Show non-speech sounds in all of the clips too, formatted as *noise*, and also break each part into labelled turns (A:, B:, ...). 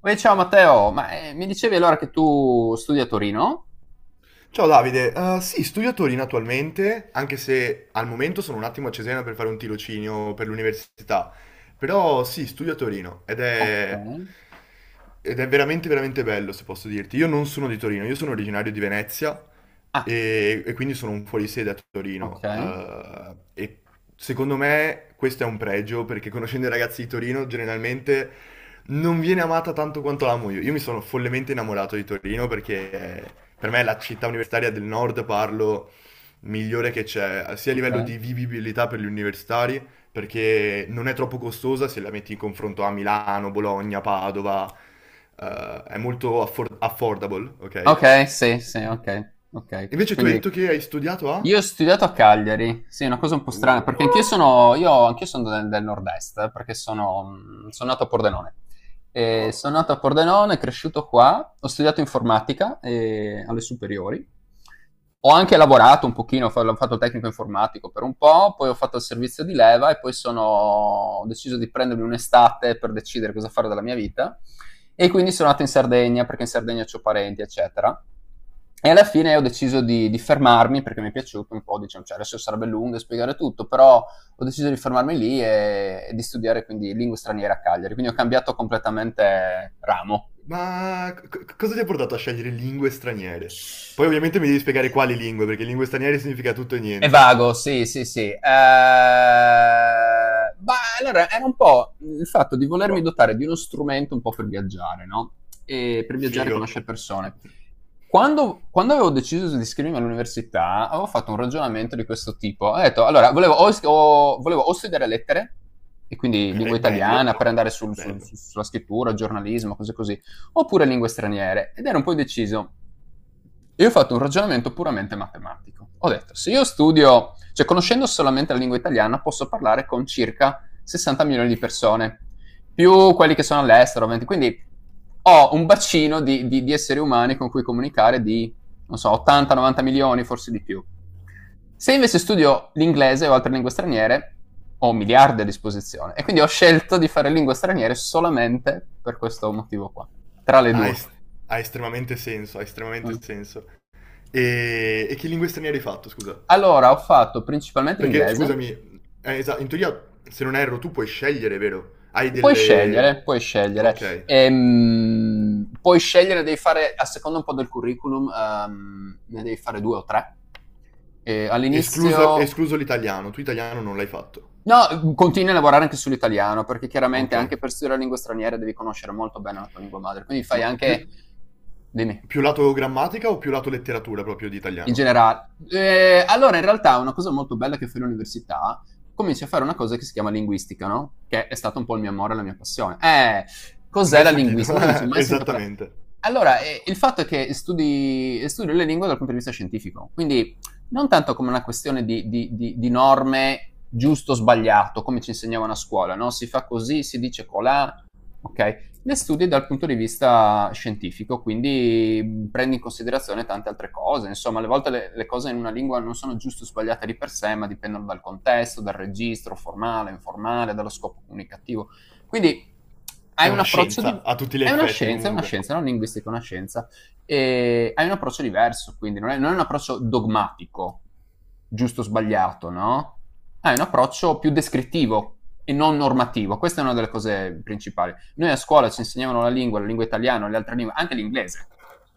A: Uè, ciao Matteo, ma mi dicevi allora che tu studi a Torino?
B: Ciao Davide, sì, studio a Torino attualmente, anche se al momento sono un attimo a Cesena per fare un tirocinio per l'università, però sì, studio a Torino
A: Ok.
B: ed è veramente bello se posso dirti. Io non sono di Torino, io sono originario di Venezia
A: Ah,
B: e quindi sono un fuorisede a
A: ok,
B: Torino e secondo me questo è un pregio perché conoscendo i ragazzi di Torino generalmente non viene amata tanto quanto l'amo io. Io mi sono follemente innamorato di Torino perché per me è la città universitaria del nord, parlo, migliore che c'è, sia a
A: ok.
B: livello di vivibilità per gli universitari, perché non è troppo costosa se la metti in confronto a Milano, Bologna, Padova, è molto affordable, ok?
A: Ok, sì, sì, ok, ok.
B: Invece tu hai
A: Quindi
B: detto che hai studiato a...
A: io ho studiato a Cagliari, sì, è una cosa un po' strana,
B: Uh,
A: perché anch'io sono del nord-est, perché sono, sono nato a Pordenone.
B: oh.
A: Sono nato a Pordenone, cresciuto qua, ho studiato informatica alle superiori. Ho anche lavorato un pochino, ho fatto il tecnico informatico per un po', poi ho fatto il servizio di leva e poi ho deciso di prendermi un'estate per decidere cosa fare della mia vita. E quindi sono nato in Sardegna perché in Sardegna ho parenti, eccetera. E alla fine ho deciso di fermarmi perché mi è piaciuto un po', diciamo, cioè adesso sarebbe lungo spiegare tutto, però ho deciso di fermarmi lì e di studiare quindi lingue straniere a Cagliari, quindi ho cambiato completamente ramo.
B: Ma cosa ti ha portato a scegliere lingue straniere? Poi ovviamente mi devi spiegare quali lingue, perché lingue straniere significa tutto e
A: È
B: niente.
A: vago, sì, sì, sì. Ma allora era un po' il fatto di volermi dotare di uno strumento un po' per viaggiare, no? E per viaggiare e
B: Figo.
A: conoscere persone. Quando avevo deciso di iscrivermi all'università, avevo fatto un ragionamento di questo tipo. Ho detto, allora, volevo o studiare lettere, e quindi lingua
B: Ok, bello.
A: italiana, per andare
B: Bello.
A: sulla scrittura, giornalismo, cose così, oppure lingue straniere, ed ero un po' indeciso. Io ho fatto un ragionamento puramente matematico. Ho detto, se io studio, cioè conoscendo solamente la lingua italiana, posso parlare con circa 60 milioni di persone, più quelli che sono all'estero, 20. Quindi ho un bacino di esseri umani con cui comunicare di, non so, 80-90 milioni, forse di più. Se invece studio l'inglese o altre lingue straniere, ho miliardi a disposizione e quindi ho scelto di fare lingue straniere solamente per questo motivo qua, tra le
B: Ha,
A: due.
B: es- Ha estremamente senso, ha estremamente
A: Mm.
B: senso. E che lingue straniere hai fatto, scusa?
A: Allora, ho fatto principalmente
B: Perché,
A: inglese,
B: scusami, in teoria, se non erro, tu puoi scegliere, vero? Hai
A: puoi
B: delle...
A: scegliere, puoi scegliere.
B: Ok.
A: Puoi scegliere, devi fare, a seconda un po' del curriculum, ne devi fare due o tre. E all'inizio.
B: Escluso l'italiano, tu italiano non l'hai fatto.
A: No, continui a lavorare anche sull'italiano, perché chiaramente
B: Ok.
A: anche per studiare la lingua straniera devi conoscere molto bene la tua lingua madre, quindi fai
B: Ma
A: anche.
B: più...
A: Dimmi.
B: Più lato grammatica o più lato letteratura proprio di
A: In
B: italiano?
A: generale. Allora, in realtà, una cosa molto bella che fai all'università, cominci a fare una cosa che si chiama linguistica, no? Che è stato un po' il mio amore, la mia passione. Cos'è
B: Mai
A: la
B: sentito,
A: linguistica? Uno dice,
B: *laughs*
A: mai sentito parlare.
B: esattamente.
A: Allora, il fatto è che studio le lingue dal punto di vista scientifico, quindi non tanto come una questione di norme giusto o sbagliato, come ci insegnavano a scuola, no? Si fa così, si dice colà, ok? Le studi dal punto di vista scientifico, quindi prendi in considerazione tante altre cose. Insomma, alle volte le cose in una lingua non sono giusto o sbagliate di per sé, ma dipendono dal contesto, dal registro formale, informale, dallo scopo comunicativo. Quindi
B: È
A: hai un
B: una
A: approccio di.
B: scienza, a tutti gli effetti
A: È una
B: comunque.
A: scienza, non linguistica, è una scienza. E hai un approccio diverso, quindi non è un approccio dogmatico, giusto o sbagliato, no? Hai un approccio più descrittivo e non normativo. Questa è una delle cose principali. Noi a scuola ci insegnavano la lingua italiana, le altre lingue, anche l'inglese,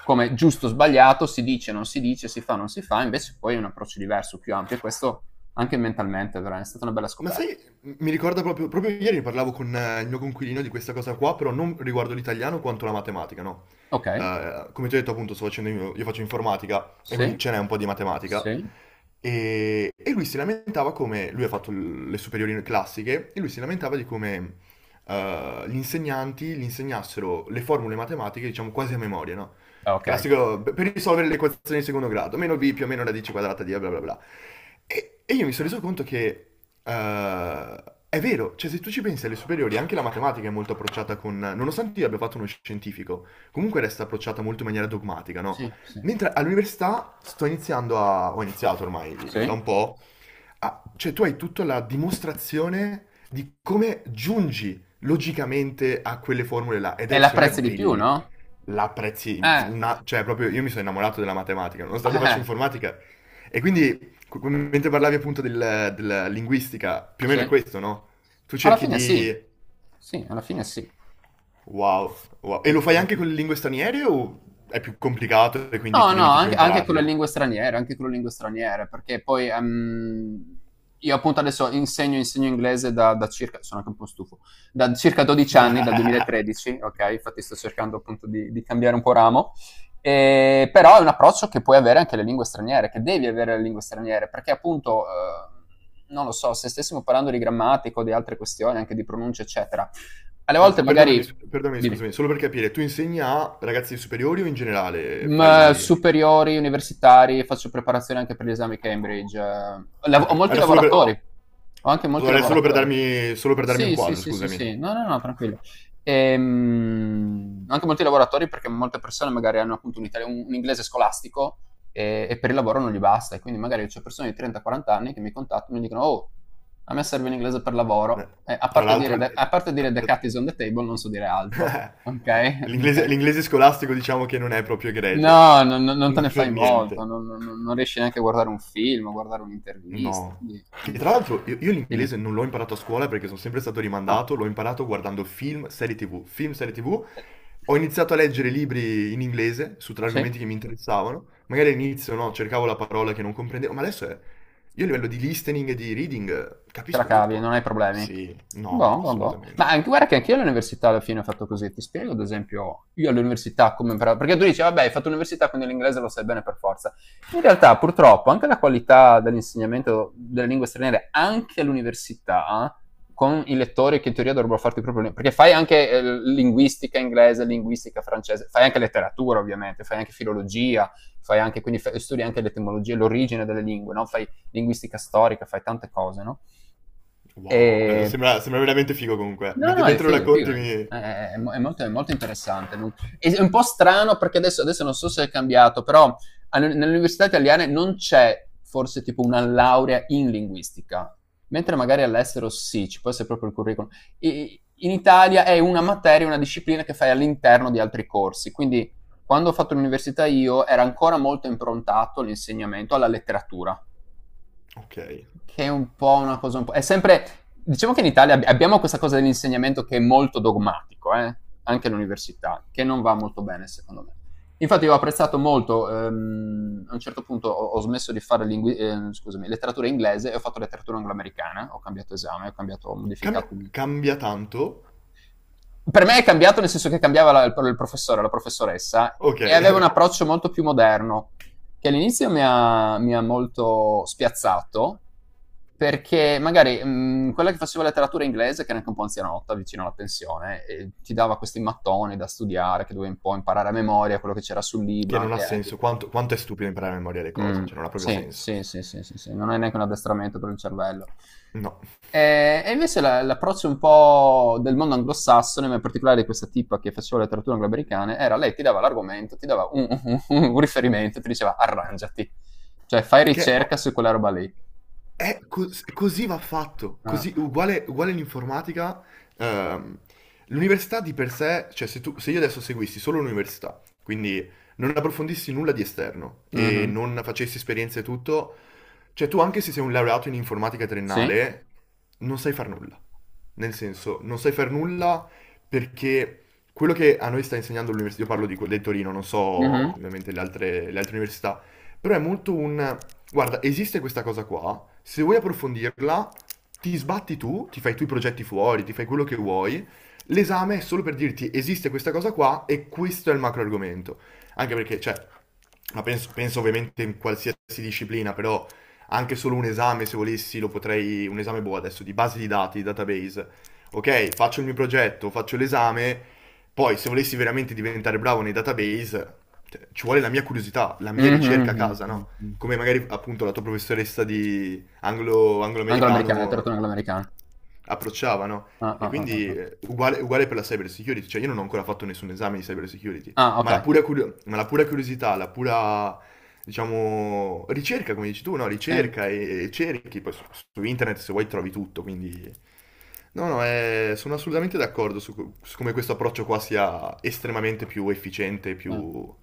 A: come giusto o sbagliato, si dice, non si dice, si fa, non si fa, invece poi è un approccio diverso, più ampio, e questo anche mentalmente veramente è stata una bella
B: Ma
A: scoperta.
B: sai, mi ricorda proprio, proprio ieri ne parlavo con il mio coinquilino di questa cosa qua, però non riguardo l'italiano quanto la matematica, no?
A: Ok,
B: Come ti ho detto appunto, sto facendo io, faccio informatica e
A: sì,
B: quindi ce n'è un po' di matematica.
A: sì,
B: E lui si lamentava come, lui ha fatto le superiori classiche, e lui si lamentava di come gli insegnanti gli insegnassero le formule matematiche, diciamo, quasi a memoria, no?
A: ah, ok,
B: Classico, per risolvere le equazioni di secondo grado, meno b più o meno radice quadrata di A, bla bla bla. E io mi sono reso conto che eh, è vero, cioè se tu ci pensi alle superiori, anche la matematica è molto approcciata con... Nonostante io abbia fatto uno scientifico, comunque resta approcciata molto in maniera dogmatica, no?
A: sì, sì,
B: Mentre all'università sto iniziando a... ho iniziato ormai da
A: sì.
B: un po'. Ah, cioè tu hai tutta la dimostrazione di come giungi logicamente a quelle formule là ed
A: E
B: è secondo me
A: l'apprezzi di più,
B: belli.
A: no?
B: La apprezzi
A: Eh,
B: una, cioè proprio io mi sono innamorato della matematica, nonostante faccio
A: eh,
B: informatica. E quindi mentre parlavi appunto della linguistica, più o meno è
A: sì.
B: questo, no? Tu
A: Alla
B: cerchi
A: fine
B: di
A: sì, sì, alla fine sì.
B: wow, wow. E
A: Sì,
B: lo fai
A: alla
B: anche
A: fine.
B: con le lingue straniere o è più complicato e quindi
A: No,
B: ti
A: no,
B: limiti più a
A: anche con le
B: impararle?
A: lingue straniere, anche con le lingue straniere, perché poi, io appunto adesso insegno inglese da circa sono anche un po' stufo, da circa 12 anni, dal
B: *laughs*
A: 2013, okay, infatti sto cercando appunto di cambiare un po' ramo, però è un approccio che puoi avere anche alle lingue straniere, che devi avere alle lingue straniere, perché appunto, non lo so, se stessimo parlando di grammatica o di altre questioni, anche di pronuncia eccetera, alle
B: Ah,
A: volte
B: perdonami,
A: magari.
B: perdonami,
A: Dimmi.
B: scusami, solo per capire, tu insegni a ragazzi superiori o in generale
A: Mhmm,
B: fai...
A: Superiori, universitari, faccio preparazione anche per gli esami Cambridge. Lav Ho
B: Ok,
A: molti
B: era solo
A: lavoratori,
B: per...
A: ho anche molti
B: Era
A: lavoratori.
B: solo per darmi un
A: Sì, sì,
B: quadro,
A: sì, sì,
B: scusami.
A: sì. No, no, no, tranquillo. Anche molti lavoratori perché molte persone magari hanno appunto un italia un inglese scolastico, e per il lavoro non gli basta, e quindi magari c'ho persone di 30, 40 anni che mi contattano e mi dicono: "Oh, a me serve l'inglese per
B: Eh,
A: lavoro." E a
B: Tra
A: parte Ah, dire the
B: l'altro,
A: okay. A parte
B: tra-
A: dire "the cat is on the table", non so dire altro, okay, *laughs*
B: l'inglese
A: okay.
B: l'inglese scolastico diciamo che non è proprio egregio,
A: No, non non
B: *laughs*
A: non te
B: non
A: ne
B: per
A: fai molto,
B: niente.
A: non riesci neanche a guardare un film, o guardare un'intervista,
B: No.
A: quindi
B: Che
A: quindi
B: tra l'altro io
A: dimmi.
B: l'inglese non l'ho imparato a scuola perché sono sempre stato
A: Ah.
B: rimandato, l'ho imparato guardando film, serie TV, film, serie TV.
A: Eh,
B: Ho iniziato a leggere libri in inglese su tre
A: sì.
B: argomenti che mi interessavano. Magari all'inizio no, cercavo la parola che non comprendevo, ma adesso è... Io a livello di listening e di reading
A: Te la
B: capisco
A: cavi,
B: tutto.
A: non hai problemi.
B: Sì, no, no,
A: Boh, boh, boh.
B: assolutamente.
A: Ma anche, guarda che anche io all'università alla fine ho fatto così. Ti spiego, ad esempio, io all'università come imparato. Perché tu dici, vabbè, hai fatto l'università, quindi l'inglese lo sai bene per forza. In realtà, purtroppo, anche la qualità dell'insegnamento delle lingue straniere, anche all'università, con i lettori che in teoria dovrebbero farti proprio. Perché fai anche linguistica inglese, linguistica francese, fai anche letteratura, ovviamente, fai anche filologia, fai anche, quindi studi anche l'etimologia, l'origine delle lingue, no? Fai linguistica storica, fai tante cose, no?
B: Wow,
A: E...
B: sembra, sembra veramente figo comunque.
A: No,
B: Mentre,
A: no, è
B: mentre lo
A: figo, è figo.
B: racconti mi...
A: È molto interessante. È un po' strano perché adesso non so se è cambiato, però nelle università italiane non c'è forse tipo una laurea in linguistica, mentre magari all'estero sì, ci può essere proprio il curriculum. In Italia è una materia, una disciplina che fai all'interno di altri corsi, quindi quando ho fatto l'università io era ancora molto improntato l'insegnamento alla letteratura,
B: Ok.
A: che è un po' una cosa, un po' è sempre. Diciamo che in Italia ab abbiamo questa cosa dell'insegnamento che è molto dogmatico, anche all'università, che non va molto bene secondo me. Infatti io ho apprezzato molto, a un certo punto ho smesso di fare lingui scusami, letteratura inglese e ho fatto letteratura angloamericana, ho cambiato esame, ho cambiato, ho
B: Cambia,
A: modificato.
B: cambia tanto?
A: Per me è cambiato nel senso che cambiava il professore, la professoressa,
B: Ok,
A: e
B: *laughs*
A: aveva un
B: ok.
A: approccio molto più moderno, che all'inizio mi ha molto spiazzato, perché magari quella che faceva letteratura inglese, che era anche un po' anzianotta, vicino alla pensione, e ti dava questi mattoni da studiare, che dovevi un po' imparare a memoria quello che c'era sul libro,
B: Che non ha
A: anche,
B: senso.
A: anche
B: Quanto, quanto è stupido imparare a memoria le
A: Mh.
B: cose, cioè non ha proprio
A: Sì,
B: senso.
A: sì, sì, sì, sì, sì, non è neanche un addestramento per il cervello.
B: No.
A: E invece la l'approccio un po' del mondo anglosassone, ma in particolare di questa tipa che faceva letteratura angloamericana, era lei ti dava l'argomento, ti dava un riferimento, ti diceva: "Arrangiati." Cioè, fai
B: Che
A: ricerca su quella roba lì.
B: è così va fatto.
A: Ah.
B: Così, uguale, uguale l'informatica. ehm, L'università di per sé, cioè se, tu, se io adesso seguissi solo l'università, quindi non approfondissi nulla di esterno e
A: Mh-mh.
B: non facessi esperienze e tutto, cioè tu anche se sei un laureato in informatica
A: Sì.
B: triennale, non sai far nulla. Nel senso, non sai far nulla perché quello che a noi sta insegnando l'università, io parlo di, del Torino, non so
A: Mh-mh.
B: ovviamente le altre università, però è molto un... Guarda, esiste questa cosa qua, se vuoi approfondirla, ti sbatti tu, ti fai tu i progetti fuori, ti fai quello che vuoi, l'esame è solo per dirti esiste questa cosa qua e questo è il macro argomento. Anche perché, cioè, ma penso, penso ovviamente in qualsiasi disciplina, però anche solo un esame, se volessi, lo potrei, un esame boh adesso, di base di dati, database. Ok, faccio il mio progetto, faccio l'esame, poi se volessi veramente diventare bravo nei database, cioè, ci vuole la mia curiosità, la mia
A: Mh-mh,
B: ricerca a
A: mh-mh,
B: casa, no? Come
A: mh-mh.
B: magari appunto la tua professoressa di anglo,
A: Angloamericana,
B: anglo-americano
A: letteratura angloamericana.
B: approcciava, no?
A: Ah,
B: E
A: ah, ah, ah,
B: quindi
A: ah.
B: uguale, uguale per la cyber security, cioè io non ho ancora fatto nessun esame di cyber security,
A: Ah,
B: ma la
A: okay.
B: pura, ma la pura curiosità, la pura diciamo, ricerca, come dici tu, no?
A: Sì.
B: Ricerca e cerchi, poi su, su internet se vuoi trovi tutto, quindi... No, no, è- sono assolutamente d'accordo su, su come questo approccio qua sia estremamente più efficiente,
A: Sì.
B: più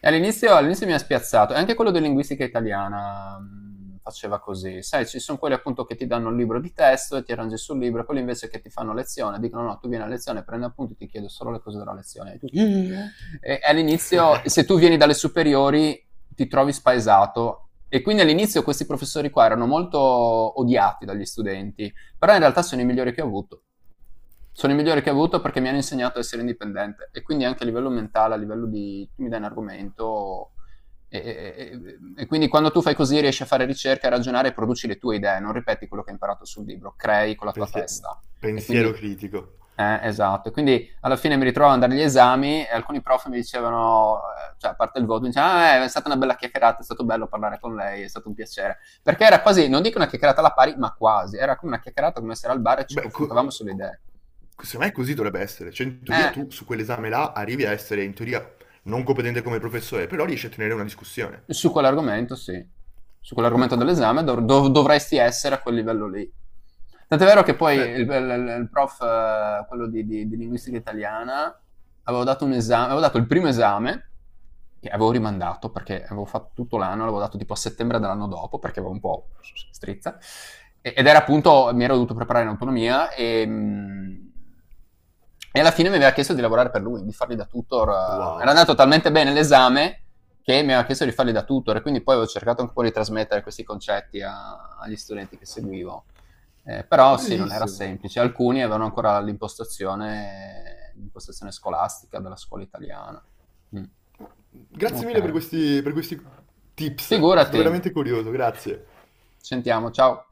A: E all'inizio mi ha spiazzato, e anche quello di linguistica italiana, faceva così. Sai, ci son quelli appunto che ti danno un libro di testo e ti arrangi sul libro, e quelli invece che ti fanno lezione, dicono: "No, tu vieni a lezione, prendi appunti, ti chiedo solo le cose della lezione". *laughs* E tu. Mh. E all'inizio se tu vieni dalle superiori ti trovi spaesato, e quindi all'inizio questi professori qua erano molto odiati dagli studenti, però in realtà sono i migliori che ho avuto. Sono i migliori che ho avuto perché mi hanno insegnato a essere indipendente e quindi anche a livello mentale, a livello di tu mi dai un argomento e, e- e- e quindi quando tu fai così riesci a fare ricerca, a ragionare e produci le tue idee, non ripeti quello che hai imparato sul libro, crei con la tua
B: pensie-
A: testa. E quindi,
B: pensiero critico.
A: esatto. E quindi alla fine mi ritrovo ad andare agli esami e alcuni prof mi dicevano, cioè a parte il voto, mi dicevano: "Ah, è stata una bella chiacchierata, è stato bello parlare con lei, è stato un piacere." Perché era quasi, non dico una chiacchierata alla pari, ma quasi, era come una chiacchierata come essere al bar e ci
B: Beh,
A: confrontavamo sulle idee.
B: secondo me così dovrebbe essere. Cioè, in teoria
A: Eh,
B: tu su quell'esame là arrivi a essere in teoria non competente come professore, però riesci a tenere una discussione.
A: Su quell'argomento sì, su
B: Ah,
A: quell'argomento dell'esame dovresti essere a quel livello lì. Tant'è vero che poi
B: perfetto.
A: il prof, quello di linguistica italiana, avevo dato un esame, avevo dato il primo esame, che avevo rimandato perché avevo fatto tutto l'anno, l'avevo dato tipo a settembre dell'anno dopo perché avevo un po' strizza, ed era appunto, mi ero dovuto preparare in autonomia e alla fine mi aveva chiesto di lavorare per lui, di fargli da tutor. Eh. Era
B: Wow.
A: andato talmente bene l'esame che mi aveva chiesto di farli da tutor e quindi poi avevo cercato un po' di trasmettere questi concetti agli studenti che seguivo. Però sì, non era
B: Bellissimo.
A: semplice. Alcuni avevano ancora l'impostazione, l'impostazione scolastica della scuola italiana. Mm.
B: Grazie
A: Ok.
B: mille per questi tips, è stato
A: Figurati, ci
B: veramente curioso, grazie.
A: sentiamo, ciao.